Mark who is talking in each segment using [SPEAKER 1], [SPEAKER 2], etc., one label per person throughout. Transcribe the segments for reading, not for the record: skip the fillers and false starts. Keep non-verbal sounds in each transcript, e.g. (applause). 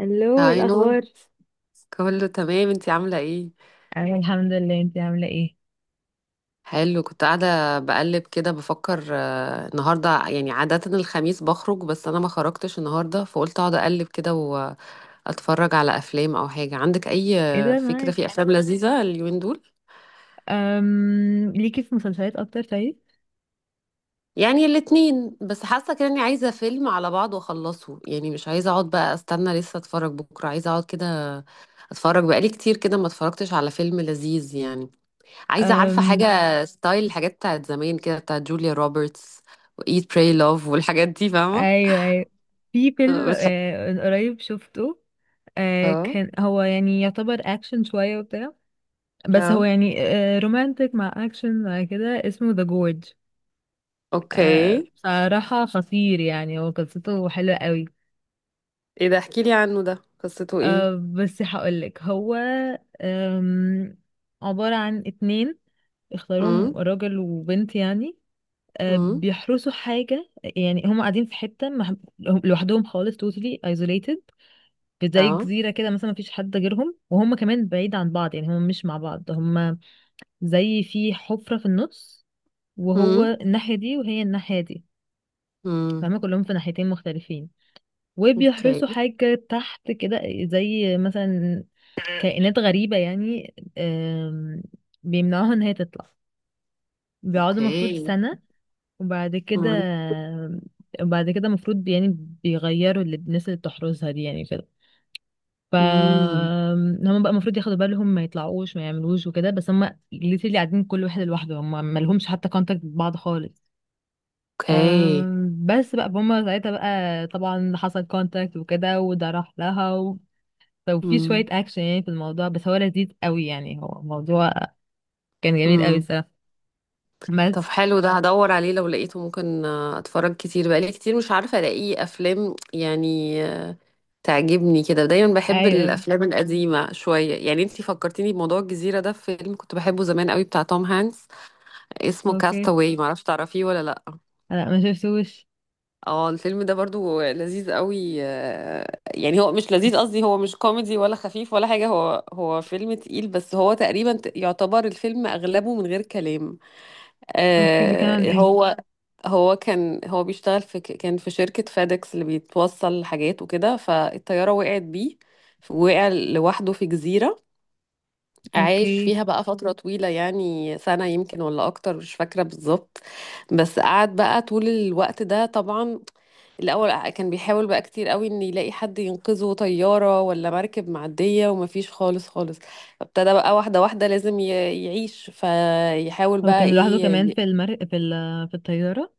[SPEAKER 1] الو، إيه
[SPEAKER 2] هاي نو.
[SPEAKER 1] الاخبار؟
[SPEAKER 2] كله تمام، انتي عاملة ايه؟
[SPEAKER 1] أنا الحمد لله، انتي عاملة ايه؟
[SPEAKER 2] حلو، كنت قاعدة بقلب كده بفكر، النهاردة يعني عادة الخميس بخرج، بس انا ما خرجتش النهاردة فقلت اقعد اقلب كده واتفرج على افلام او حاجة. عندك اي
[SPEAKER 1] ايه ده،
[SPEAKER 2] فكرة
[SPEAKER 1] نايس.
[SPEAKER 2] في افلام لذيذة اليومين دول؟
[SPEAKER 1] ليكي في مسلسلات اكتر؟ طيب.
[SPEAKER 2] يعني الاتنين، بس حاسة كده اني عايزة فيلم على بعض واخلصه، يعني مش عايزة اقعد بقى استنى لسه اتفرج بكرة، عايزة اقعد كده اتفرج. بقالي كتير كده ما اتفرجتش على فيلم لذيذ يعني. عايزة عارفة
[SPEAKER 1] أم...
[SPEAKER 2] حاجة؟ ستايل الحاجات بتاعت زمان كده، بتاعت جوليا روبرتس وإيت براي لوف والحاجات دي، فاهمة؟
[SPEAKER 1] ايوه، ايوه. في فيلم
[SPEAKER 2] اه.
[SPEAKER 1] من قريب شفته.
[SPEAKER 2] اه.
[SPEAKER 1] كان هو يعني يعتبر اكشن شوية وبتاع. بس هو
[SPEAKER 2] آه.
[SPEAKER 1] يعني رومانتك مع اكشن مع كده، اسمه ذا جورج.
[SPEAKER 2] اوكي.
[SPEAKER 1] بصراحة خطير، يعني هو قصته حلوة قوي.
[SPEAKER 2] ايه ده، احكيلي عنه ده، قصته ايه؟
[SPEAKER 1] بس هقولك هو أم... عبارة عن اتنين،
[SPEAKER 2] امم.
[SPEAKER 1] اختاروهم راجل وبنت يعني.
[SPEAKER 2] امم.
[SPEAKER 1] بيحرسوا حاجة. يعني هم قاعدين في حتة هم لوحدهم خالص، totally isolated. في زي
[SPEAKER 2] اه.
[SPEAKER 1] جزيرة كده مثلا، مفيش حد غيرهم، وهم كمان بعيد عن بعض، يعني هم مش مع بعض، هم زي في حفرة في النص، وهو
[SPEAKER 2] امم.
[SPEAKER 1] الناحية دي وهي الناحية دي.
[SPEAKER 2] امم.
[SPEAKER 1] فهم كلهم في ناحيتين مختلفين،
[SPEAKER 2] اوكي.
[SPEAKER 1] وبيحرسوا حاجة تحت كده، زي مثلا كائنات غريبة يعني، بيمنعوها ان هي تطلع. بيقعدوا مفروض
[SPEAKER 2] اوكي.
[SPEAKER 1] سنة وبعد كده،
[SPEAKER 2] امم.
[SPEAKER 1] وبعد كده المفروض يعني بيغيروا اللي الناس اللي بتحرسها دي يعني كده. ف
[SPEAKER 2] امم.
[SPEAKER 1] هم بقى المفروض ياخدوا بالهم، ما يطلعوش ما يعملوش وكده. بس هم اللي قاعدين كل واحد لوحده، هم ما لهمش حتى كونتاكت ببعض خالص.
[SPEAKER 2] اوكي.
[SPEAKER 1] بس بقى هم ساعتها بقى طبعا حصل كونتاكت وكده، وده راح لها و... وفي
[SPEAKER 2] امم.
[SPEAKER 1] شوية اكشن يعني في الموضوع، بس هو لذيذ قوي يعني. هو الموضوع كان جميل قوي
[SPEAKER 2] امم.
[SPEAKER 1] الصراحة.
[SPEAKER 2] طب
[SPEAKER 1] بس
[SPEAKER 2] حلو، ده هدور عليه لو لقيته ممكن اتفرج. كتير بقالي كتير مش عارفة الاقي افلام يعني تعجبني كده، دايما بحب
[SPEAKER 1] ايوه.
[SPEAKER 2] الافلام القديمه شويه يعني. انتي فكرتيني بموضوع الجزيره ده، في فيلم كنت بحبه زمان قوي بتاع توم هانكس، اسمه
[SPEAKER 1] اوكي.
[SPEAKER 2] كاستاوي، معرفش تعرفيه ولا لا.
[SPEAKER 1] لا، ما شفتوش.
[SPEAKER 2] اه الفيلم ده برضو لذيذ قوي، يعني هو مش لذيذ، قصدي هو مش كوميدي ولا خفيف ولا حاجه، هو فيلم تقيل، بس هو تقريبا يعتبر الفيلم اغلبه من غير كلام.
[SPEAKER 1] اوكي، بيتكلم عن
[SPEAKER 2] آه
[SPEAKER 1] ايه؟
[SPEAKER 2] هو. هو كان بيشتغل في كان في شركة فادكس اللي بيتوصل حاجات وكده، فالطيارة وقعت بيه، وقع لوحده في جزيرة. عايش
[SPEAKER 1] اوكي.
[SPEAKER 2] فيها بقى فترة طويلة، يعني سنة يمكن ولا أكتر مش فاكرة بالظبط. بس قعد بقى طول الوقت ده طبعا، الأول كان بيحاول بقى كتير قوي إن يلاقي حد ينقذه، طيارة ولا مركب معدية، ومفيش خالص خالص. ابتدى بقى واحدة واحدة، لازم يعيش، فيحاول
[SPEAKER 1] هو
[SPEAKER 2] بقى
[SPEAKER 1] كان لوحده كمان
[SPEAKER 2] إيه.
[SPEAKER 1] في المر... في ال... في الطيارة.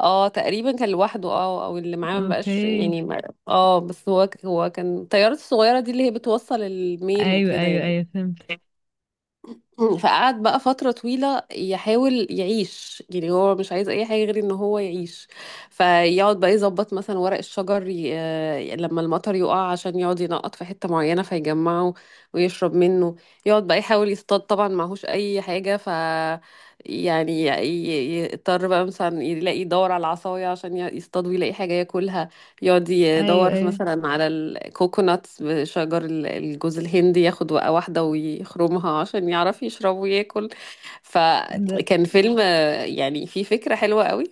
[SPEAKER 2] اه تقريبا كان لوحده، اه، او اللي معاه ما بقاش
[SPEAKER 1] اوكي.
[SPEAKER 2] يعني اه، بس هو كان الطيارات الصغيره دي اللي هي بتوصل الميل
[SPEAKER 1] ايوه،
[SPEAKER 2] وكده
[SPEAKER 1] ايوه،
[SPEAKER 2] يعني.
[SPEAKER 1] ايوه، فهمت.
[SPEAKER 2] فقعد بقى فترة طويلة يحاول يعيش، يعني هو مش عايز أي حاجة غير إن هو يعيش. فيقعد بقى يظبط مثلا ورق الشجر ي... آه، لما المطر يقع عشان يقعد ينقط في حتة معينة فيجمعه ويشرب منه. يقعد بقى يحاول يصطاد، طبعا معهوش أي حاجة، ف يعني يضطر بقى مثلا يلاقي، يدور على العصاية عشان يصطاد ويلاقي حاجة ياكلها. يقعد
[SPEAKER 1] ايوه،
[SPEAKER 2] يدور
[SPEAKER 1] ايوه.
[SPEAKER 2] مثلا على الكوكوناتس، بشجر الجوز الهندي، ياخد وقعة واحدة ويخرمها عشان يعرف يشرب وياكل.
[SPEAKER 1] ده
[SPEAKER 2] فكان فيلم يعني فيه فكرة حلوة قوي.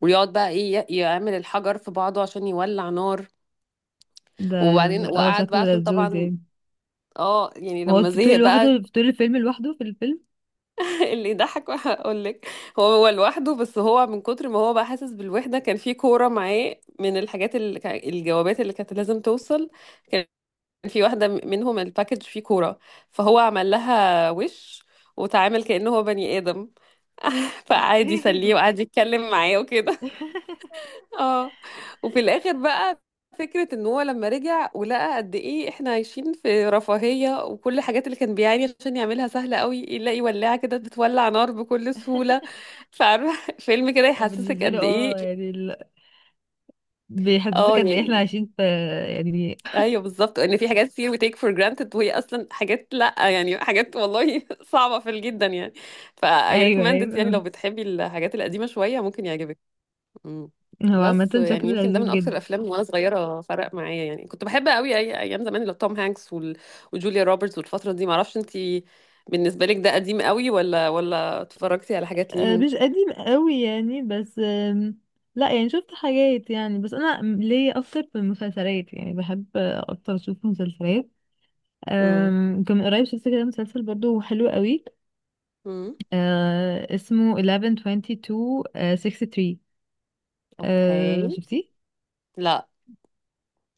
[SPEAKER 2] ويقعد بقى ايه، يعمل الحجر في بعضه عشان يولع نار.
[SPEAKER 1] ده
[SPEAKER 2] وبعدين
[SPEAKER 1] اه
[SPEAKER 2] وقعد بقى
[SPEAKER 1] شكله
[SPEAKER 2] عشان
[SPEAKER 1] لذوذ
[SPEAKER 2] طبعا،
[SPEAKER 1] يعني.
[SPEAKER 2] اه يعني
[SPEAKER 1] وهو
[SPEAKER 2] لما
[SPEAKER 1] في
[SPEAKER 2] زهق
[SPEAKER 1] طول
[SPEAKER 2] بقى.
[SPEAKER 1] لوحده، في طول الفيلم لوحده في الفيلم؟
[SPEAKER 2] (laughs) اللي يضحك هقول لك، هو لوحده، بس هو من كتر ما هو بقى حاسس بالوحدة، كان في كورة معاه من الحاجات اللي الجوابات اللي كانت لازم توصل. في واحدة منهم الباكج فيه كورة، فهو عمل لها وش وتعامل كأنه هو بني آدم. (laughs) فقعد يسليه
[SPEAKER 1] اوكي.
[SPEAKER 2] وقعد يتكلم معاه وكده. (laughs) اه. وفي الآخر بقى، فكرة ان هو لما رجع ولقى قد ايه احنا عايشين في رفاهية، وكل الحاجات اللي كان بيعاني عشان يعملها سهلة قوي، يلاقي ولاعة كده بتولع نار بكل سهولة. فعارفة (laughs) فيلم كده
[SPEAKER 1] (laughs)
[SPEAKER 2] يحسسك
[SPEAKER 1] بالنسبة لي
[SPEAKER 2] قد ايه.
[SPEAKER 1] اه، يعني ال...
[SPEAKER 2] اه
[SPEAKER 1] بيحسسك قد ايه احنا
[SPEAKER 2] يعني،
[SPEAKER 1] عايشين في. يعني.
[SPEAKER 2] ايوه بالظبط، ان في حاجات كتير we take for granted، وهي اصلا حاجات، لا يعني حاجات والله (laughs) صعبه جدا يعني. ف I
[SPEAKER 1] ايوه،
[SPEAKER 2] recommend it، يعني لو
[SPEAKER 1] ايوه.
[SPEAKER 2] بتحبي الحاجات القديمه شويه ممكن يعجبك. أمم.
[SPEAKER 1] هو عامة
[SPEAKER 2] بس يعني
[SPEAKER 1] شكله
[SPEAKER 2] يمكن ده
[SPEAKER 1] لذيذ
[SPEAKER 2] من اكتر
[SPEAKER 1] جدا.
[SPEAKER 2] الافلام وانا صغيره فرق معايا يعني، كنت بحب قوي أي ايام زمان اللي توم هانكس وجوليا روبرتس والفتره دي، معرفش انتي بالنسبه لك ده قديم قوي ولا، ولا اتفرجتي على حاجات ليهم.
[SPEAKER 1] مش قديم قوي يعني، بس لا يعني شفت حاجات يعني، بس انا ليا اكتر في المسلسلات، يعني بحب اكتر اشوف مسلسلات.
[SPEAKER 2] امم.
[SPEAKER 1] كان من قريب شفت كده مسلسل برضو حلو قوي
[SPEAKER 2] امم.
[SPEAKER 1] اسمه 1122 63.
[SPEAKER 2] اوكي.
[SPEAKER 1] شفتيه؟
[SPEAKER 2] لا،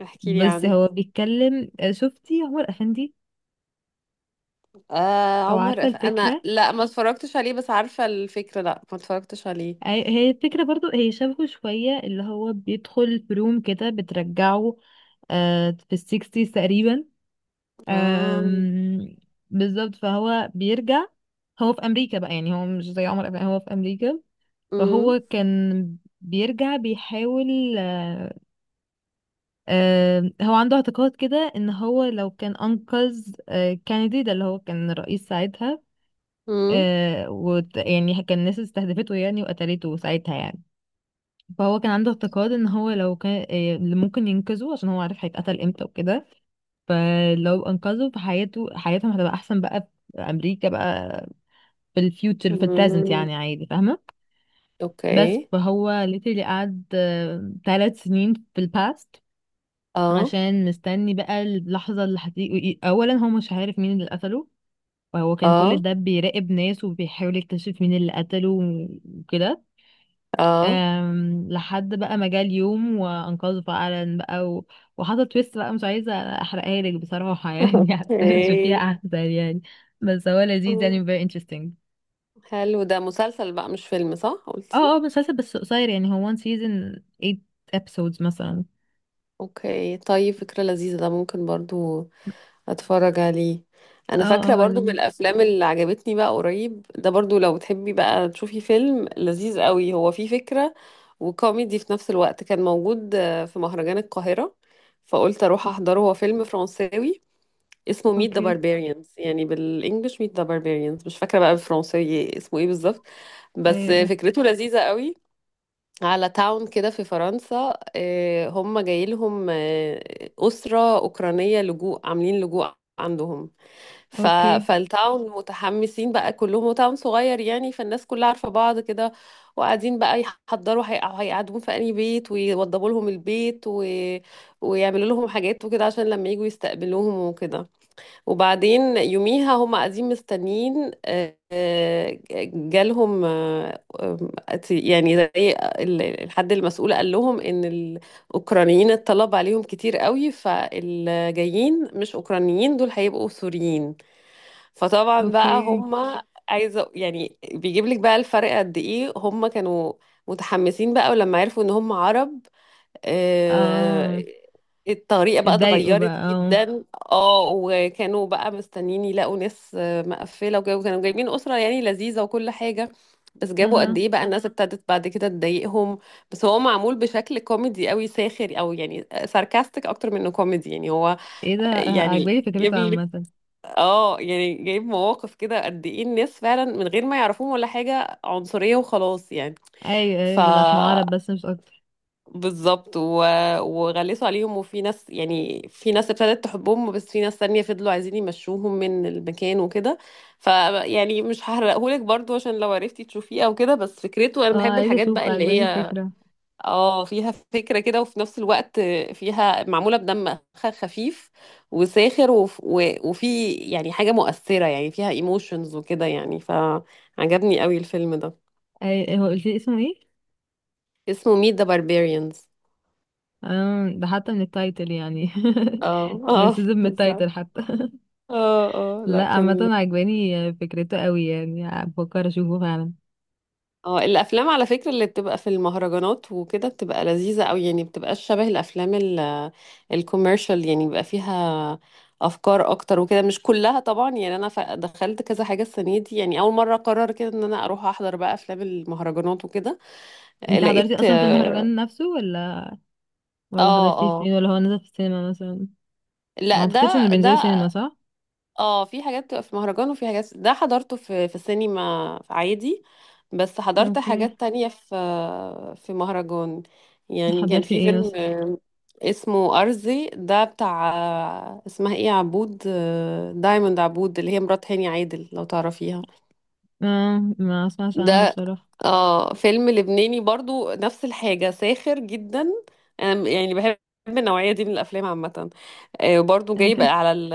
[SPEAKER 2] احكي لي
[SPEAKER 1] بس هو
[SPEAKER 2] عنه.
[SPEAKER 1] بيتكلم شفتي عمر افندي؟
[SPEAKER 2] آه
[SPEAKER 1] او
[SPEAKER 2] عمر
[SPEAKER 1] عارفه
[SPEAKER 2] انا
[SPEAKER 1] الفكره.
[SPEAKER 2] لا، ما اتفرجتش عليه بس عارفة الفكرة، لا ما اتفرجتش عليه.
[SPEAKER 1] هي هي الفكره برضو، هي شبهه شويه. اللي هو بيدخل في روم كده بترجعه في السيكستيز تقريبا.
[SPEAKER 2] اه.
[SPEAKER 1] أم، بالظبط، فهو بيرجع. هو في امريكا بقى يعني، هو مش زي عمر، أبقى هو في امريكا.
[SPEAKER 2] امم.
[SPEAKER 1] فهو كان بيرجع بيحاول هو عنده اعتقاد كده ان هو لو كان انقذ كينيدي، ده اللي هو كان رئيس ساعتها.
[SPEAKER 2] امم.
[SPEAKER 1] يعني كان الناس استهدفته يعني وقتلته ساعتها يعني. فهو كان عنده اعتقاد ان هو لو كان، إيه اللي ممكن ينقذه، عشان هو عارف هيتقتل امتى وكده. فلو انقذه فحياته حياتهم هتبقى احسن بقى في امريكا، بقى في الفيوتشر في البريزنت
[SPEAKER 2] أمم.
[SPEAKER 1] يعني عادي، فاهمه. بس
[SPEAKER 2] اوكي.
[SPEAKER 1] فهو ليتلي قعد ثلاث سنين في الباست،
[SPEAKER 2] اه.
[SPEAKER 1] عشان مستني بقى اللحظه اللي هتيجي. اولا هو مش عارف مين اللي قتله، فهو كان كل
[SPEAKER 2] اه.
[SPEAKER 1] ده بيراقب ناس وبيحاول يكتشف مين اللي قتله وكده.
[SPEAKER 2] اه.
[SPEAKER 1] لحد بقى ما جه اليوم وانقذه فعلا بقى، و... وحصل تويست بقى، مش عايزه احرقها لك بصراحه يعني (laughs) عشان تشوفيها
[SPEAKER 2] اوكي. (laughs)
[SPEAKER 1] احسن يعني. بس هو لذيذ
[SPEAKER 2] آه.
[SPEAKER 1] يعني، very interesting.
[SPEAKER 2] حلو، ده مسلسل بقى مش فيلم، صح قلتي؟
[SPEAKER 1] اه اه، مسلسل بس قصير يعني، هو one season 8 episodes مثلا.
[SPEAKER 2] اوكي طيب، فكرة لذيذة، ده ممكن برضو هتفرج عليه.
[SPEAKER 1] اه
[SPEAKER 2] انا
[SPEAKER 1] اه،
[SPEAKER 2] فاكره
[SPEAKER 1] هو
[SPEAKER 2] برضو من
[SPEAKER 1] لذيذ.
[SPEAKER 2] الافلام اللي عجبتني بقى قريب، ده برضو لو بتحبي بقى تشوفي فيلم لذيذ قوي، هو فيه فكره وكوميدي في نفس الوقت. كان موجود في مهرجان القاهره، فقلت اروح احضره. هو فيلم فرنساوي اسمه ميت ذا
[SPEAKER 1] اوكي.
[SPEAKER 2] باربيريانز، يعني بالانجلش ميت ذا باربيريانز، مش فاكره بقى بالفرنساوي اسمه ايه بالظبط.
[SPEAKER 1] ايوه،
[SPEAKER 2] بس
[SPEAKER 1] أيوة.
[SPEAKER 2] فكرته لذيذة قوي، على تاون كده في فرنسا، هم جاي لهم أسرة أوكرانية لجوء، عاملين لجوء عندهم، ف...
[SPEAKER 1] اوكي.
[SPEAKER 2] فالتاون متحمسين بقى كلهم، وتاون صغير يعني فالناس كلها عارفة بعض كده، وقاعدين بقى يحضروا، هيقعدون في أي بيت، ويوضبوا لهم البيت و... ويعملوا لهم حاجات وكده عشان لما يجوا يستقبلوهم وكده. وبعدين يوميها هم قاعدين مستنيين، جالهم، يعني زي الحد المسؤول قال لهم ان الأوكرانيين الطلب عليهم كتير قوي، فالجايين مش أوكرانيين، دول هيبقوا سوريين. فطبعا بقى
[SPEAKER 1] اوكي.
[SPEAKER 2] هما عايزه يعني بيجيب لك بقى الفرق قد ايه، هما كانوا متحمسين بقى، ولما عرفوا ان هما عرب،
[SPEAKER 1] اه.
[SPEAKER 2] آه، الطريقه بقى
[SPEAKER 1] اتضايقوا بقى،
[SPEAKER 2] اتغيرت
[SPEAKER 1] اه.
[SPEAKER 2] جدا. اه، وكانوا بقى مستنيين يلاقوا ناس مقفله وكده، وكانوا جايبين اسره يعني لذيذه وكل حاجه، بس جابوا قد
[SPEAKER 1] اها.
[SPEAKER 2] ايه بقى الناس ابتدت بعد كده تضايقهم. بس هو معمول بشكل كوميدي قوي، ساخر، او يعني ساركاستيك اكتر منه كوميدي يعني هو.
[SPEAKER 1] ايه ده،
[SPEAKER 2] يعني
[SPEAKER 1] عجباني فكرتها عامة.
[SPEAKER 2] اه، يعني جايب مواقف كده قد ايه الناس فعلا من غير ما يعرفوهم ولا حاجة عنصرية وخلاص يعني.
[SPEAKER 1] ايوه،
[SPEAKER 2] ف
[SPEAKER 1] ايوه، بس عشان عرب بس مش اكتر.
[SPEAKER 2] بالظبط و... وغلسوا عليهم، وفي ناس، يعني في ناس ابتدت تحبهم، بس في ناس تانية فضلوا عايزين يمشوهم من المكان وكده. ف يعني مش هحرقهولك برضو عشان لو عرفتي تشوفيه او كده، بس فكرته، انا
[SPEAKER 1] اه،
[SPEAKER 2] بحب
[SPEAKER 1] عايزة
[SPEAKER 2] الحاجات
[SPEAKER 1] اشوف،
[SPEAKER 2] بقى اللي
[SPEAKER 1] عجباني
[SPEAKER 2] هي
[SPEAKER 1] الفكرة.
[SPEAKER 2] اه فيها فكرة كده، وفي نفس الوقت فيها، معمولة بدم خفيف وساخر، وفي يعني حاجة مؤثرة يعني فيها ايموشنز وكده يعني، فعجبني قوي الفيلم ده.
[SPEAKER 1] اي، هو قلت لي اسمه ايه؟
[SPEAKER 2] اسمه Meet the Barbarians.
[SPEAKER 1] آه، ده حتى من التايتل يعني.
[SPEAKER 2] اه
[SPEAKER 1] (laughs)
[SPEAKER 2] اه
[SPEAKER 1] ريسيزم
[SPEAKER 2] (laughs)
[SPEAKER 1] من
[SPEAKER 2] بالظبط.
[SPEAKER 1] التايتل حتى.
[SPEAKER 2] اه
[SPEAKER 1] (laughs)
[SPEAKER 2] اه لا
[SPEAKER 1] لا، عامة
[SPEAKER 2] كان.
[SPEAKER 1] عجباني فكرته قوي يعني، بفكر اشوفه فعلا.
[SPEAKER 2] اه الافلام على فكره اللي بتبقى في المهرجانات وكده بتبقى لذيذه قوي، يعني بتبقى شبه الافلام الكوميرشال، يعني بيبقى فيها افكار اكتر وكده، مش كلها طبعا يعني، انا دخلت كذا حاجه السنه دي يعني، اول مره قرر كده ان انا اروح احضر بقى افلام المهرجانات وكده.
[SPEAKER 1] انت حضرتي
[SPEAKER 2] لقيت
[SPEAKER 1] اصلا في
[SPEAKER 2] اه.
[SPEAKER 1] المهرجان نفسه، ولا
[SPEAKER 2] اه.
[SPEAKER 1] حضرتيه
[SPEAKER 2] آه.
[SPEAKER 1] فين، ولا هو نزل في السينما مثلا؟ ما
[SPEAKER 2] لا
[SPEAKER 1] اعتقدش انه
[SPEAKER 2] ده
[SPEAKER 1] بينزل سينما، صح؟
[SPEAKER 2] اه في حاجات بتبقى في مهرجان وفي حاجات، ده حضرته في سينما عادي، بس حضرت
[SPEAKER 1] اوكي.
[SPEAKER 2] حاجات تانية في مهرجان. يعني كان
[SPEAKER 1] حضرتي
[SPEAKER 2] في
[SPEAKER 1] ايه
[SPEAKER 2] فيلم
[SPEAKER 1] مثلا؟
[SPEAKER 2] اسمه أرزي، ده بتاع اسمها ايه، عبود دايموند عبود، اللي هي مرات هاني عادل لو تعرفيها.
[SPEAKER 1] آه، ما اسمعش عنه
[SPEAKER 2] ده
[SPEAKER 1] بصراحة.
[SPEAKER 2] اه فيلم لبناني برضو نفس الحاجة ساخر جدا. أنا يعني بحب النوعية دي من الأفلام عامة. برضو جايب
[SPEAKER 1] (laughs)
[SPEAKER 2] على ال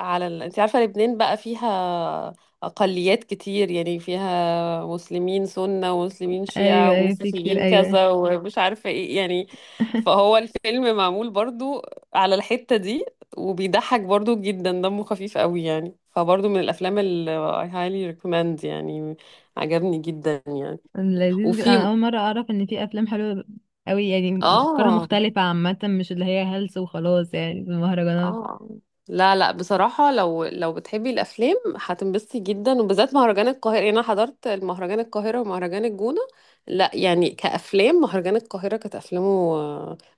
[SPEAKER 2] على ال أنت عارفة لبنان بقى فيها أقليات كتير، يعني فيها مسلمين سنة ومسلمين شيعة
[SPEAKER 1] ايوه، ايوه، في كتير،
[SPEAKER 2] ومسيحيين
[SPEAKER 1] ايوه.
[SPEAKER 2] كذا ومش عارفة إيه يعني. فهو الفيلم معمول برضو على الحتة دي، وبيضحك برضو جدا، دمه خفيف قوي يعني، فبرضو من الأفلام اللي I highly recommend يعني، عجبني جدا يعني.
[SPEAKER 1] لذيذ جدا،
[SPEAKER 2] وفي
[SPEAKER 1] انا اول مرة اعرف ان في افلام حلوة قوي يعني، افكارها
[SPEAKER 2] اه.
[SPEAKER 1] مختلفة عامة، مش اللي هي هلس وخلاص يعني في المهرجانات.
[SPEAKER 2] اه. لا لا بصراحة، لو لو بتحبي الأفلام هتنبسطي جدا، وبالذات مهرجان القاهرة. يعني أنا حضرت المهرجان القاهرة ومهرجان الجونة، لا يعني كأفلام مهرجان القاهرة كانت أفلامه،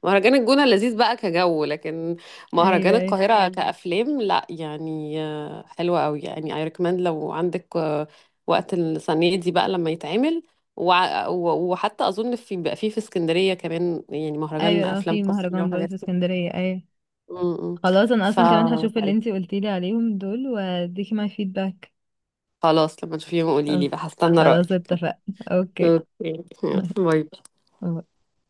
[SPEAKER 2] مهرجان الجونة لذيذ بقى كجو، لكن مهرجان
[SPEAKER 1] ايوه، ايوه،
[SPEAKER 2] القاهرة أيوة كأفلام. لا يعني حلوة أوي يعني، I recommend لو عندك وقت السنة دي بقى لما يتعمل. وحتى أظن في بقى في اسكندرية كمان يعني مهرجان
[SPEAKER 1] ايوه.
[SPEAKER 2] أفلام
[SPEAKER 1] في
[SPEAKER 2] قصيرة
[SPEAKER 1] مهرجان برضه
[SPEAKER 2] وحاجات.
[SPEAKER 1] في اسكندريه، ايوه.
[SPEAKER 2] م-م.
[SPEAKER 1] خلاص، انا
[SPEAKER 2] ف
[SPEAKER 1] اصلا كمان هشوف اللي انتي قلتيلي عليهم دول، واديكي ماي فيدباك.
[SPEAKER 2] خلاص، لما تشوفيهم قولي
[SPEAKER 1] خلاص.
[SPEAKER 2] لي بقى هستنى
[SPEAKER 1] خلاص
[SPEAKER 2] رأيك.
[SPEAKER 1] اتفقنا. اوكي.
[SPEAKER 2] اوكي، يلا، باي.
[SPEAKER 1] (laughs)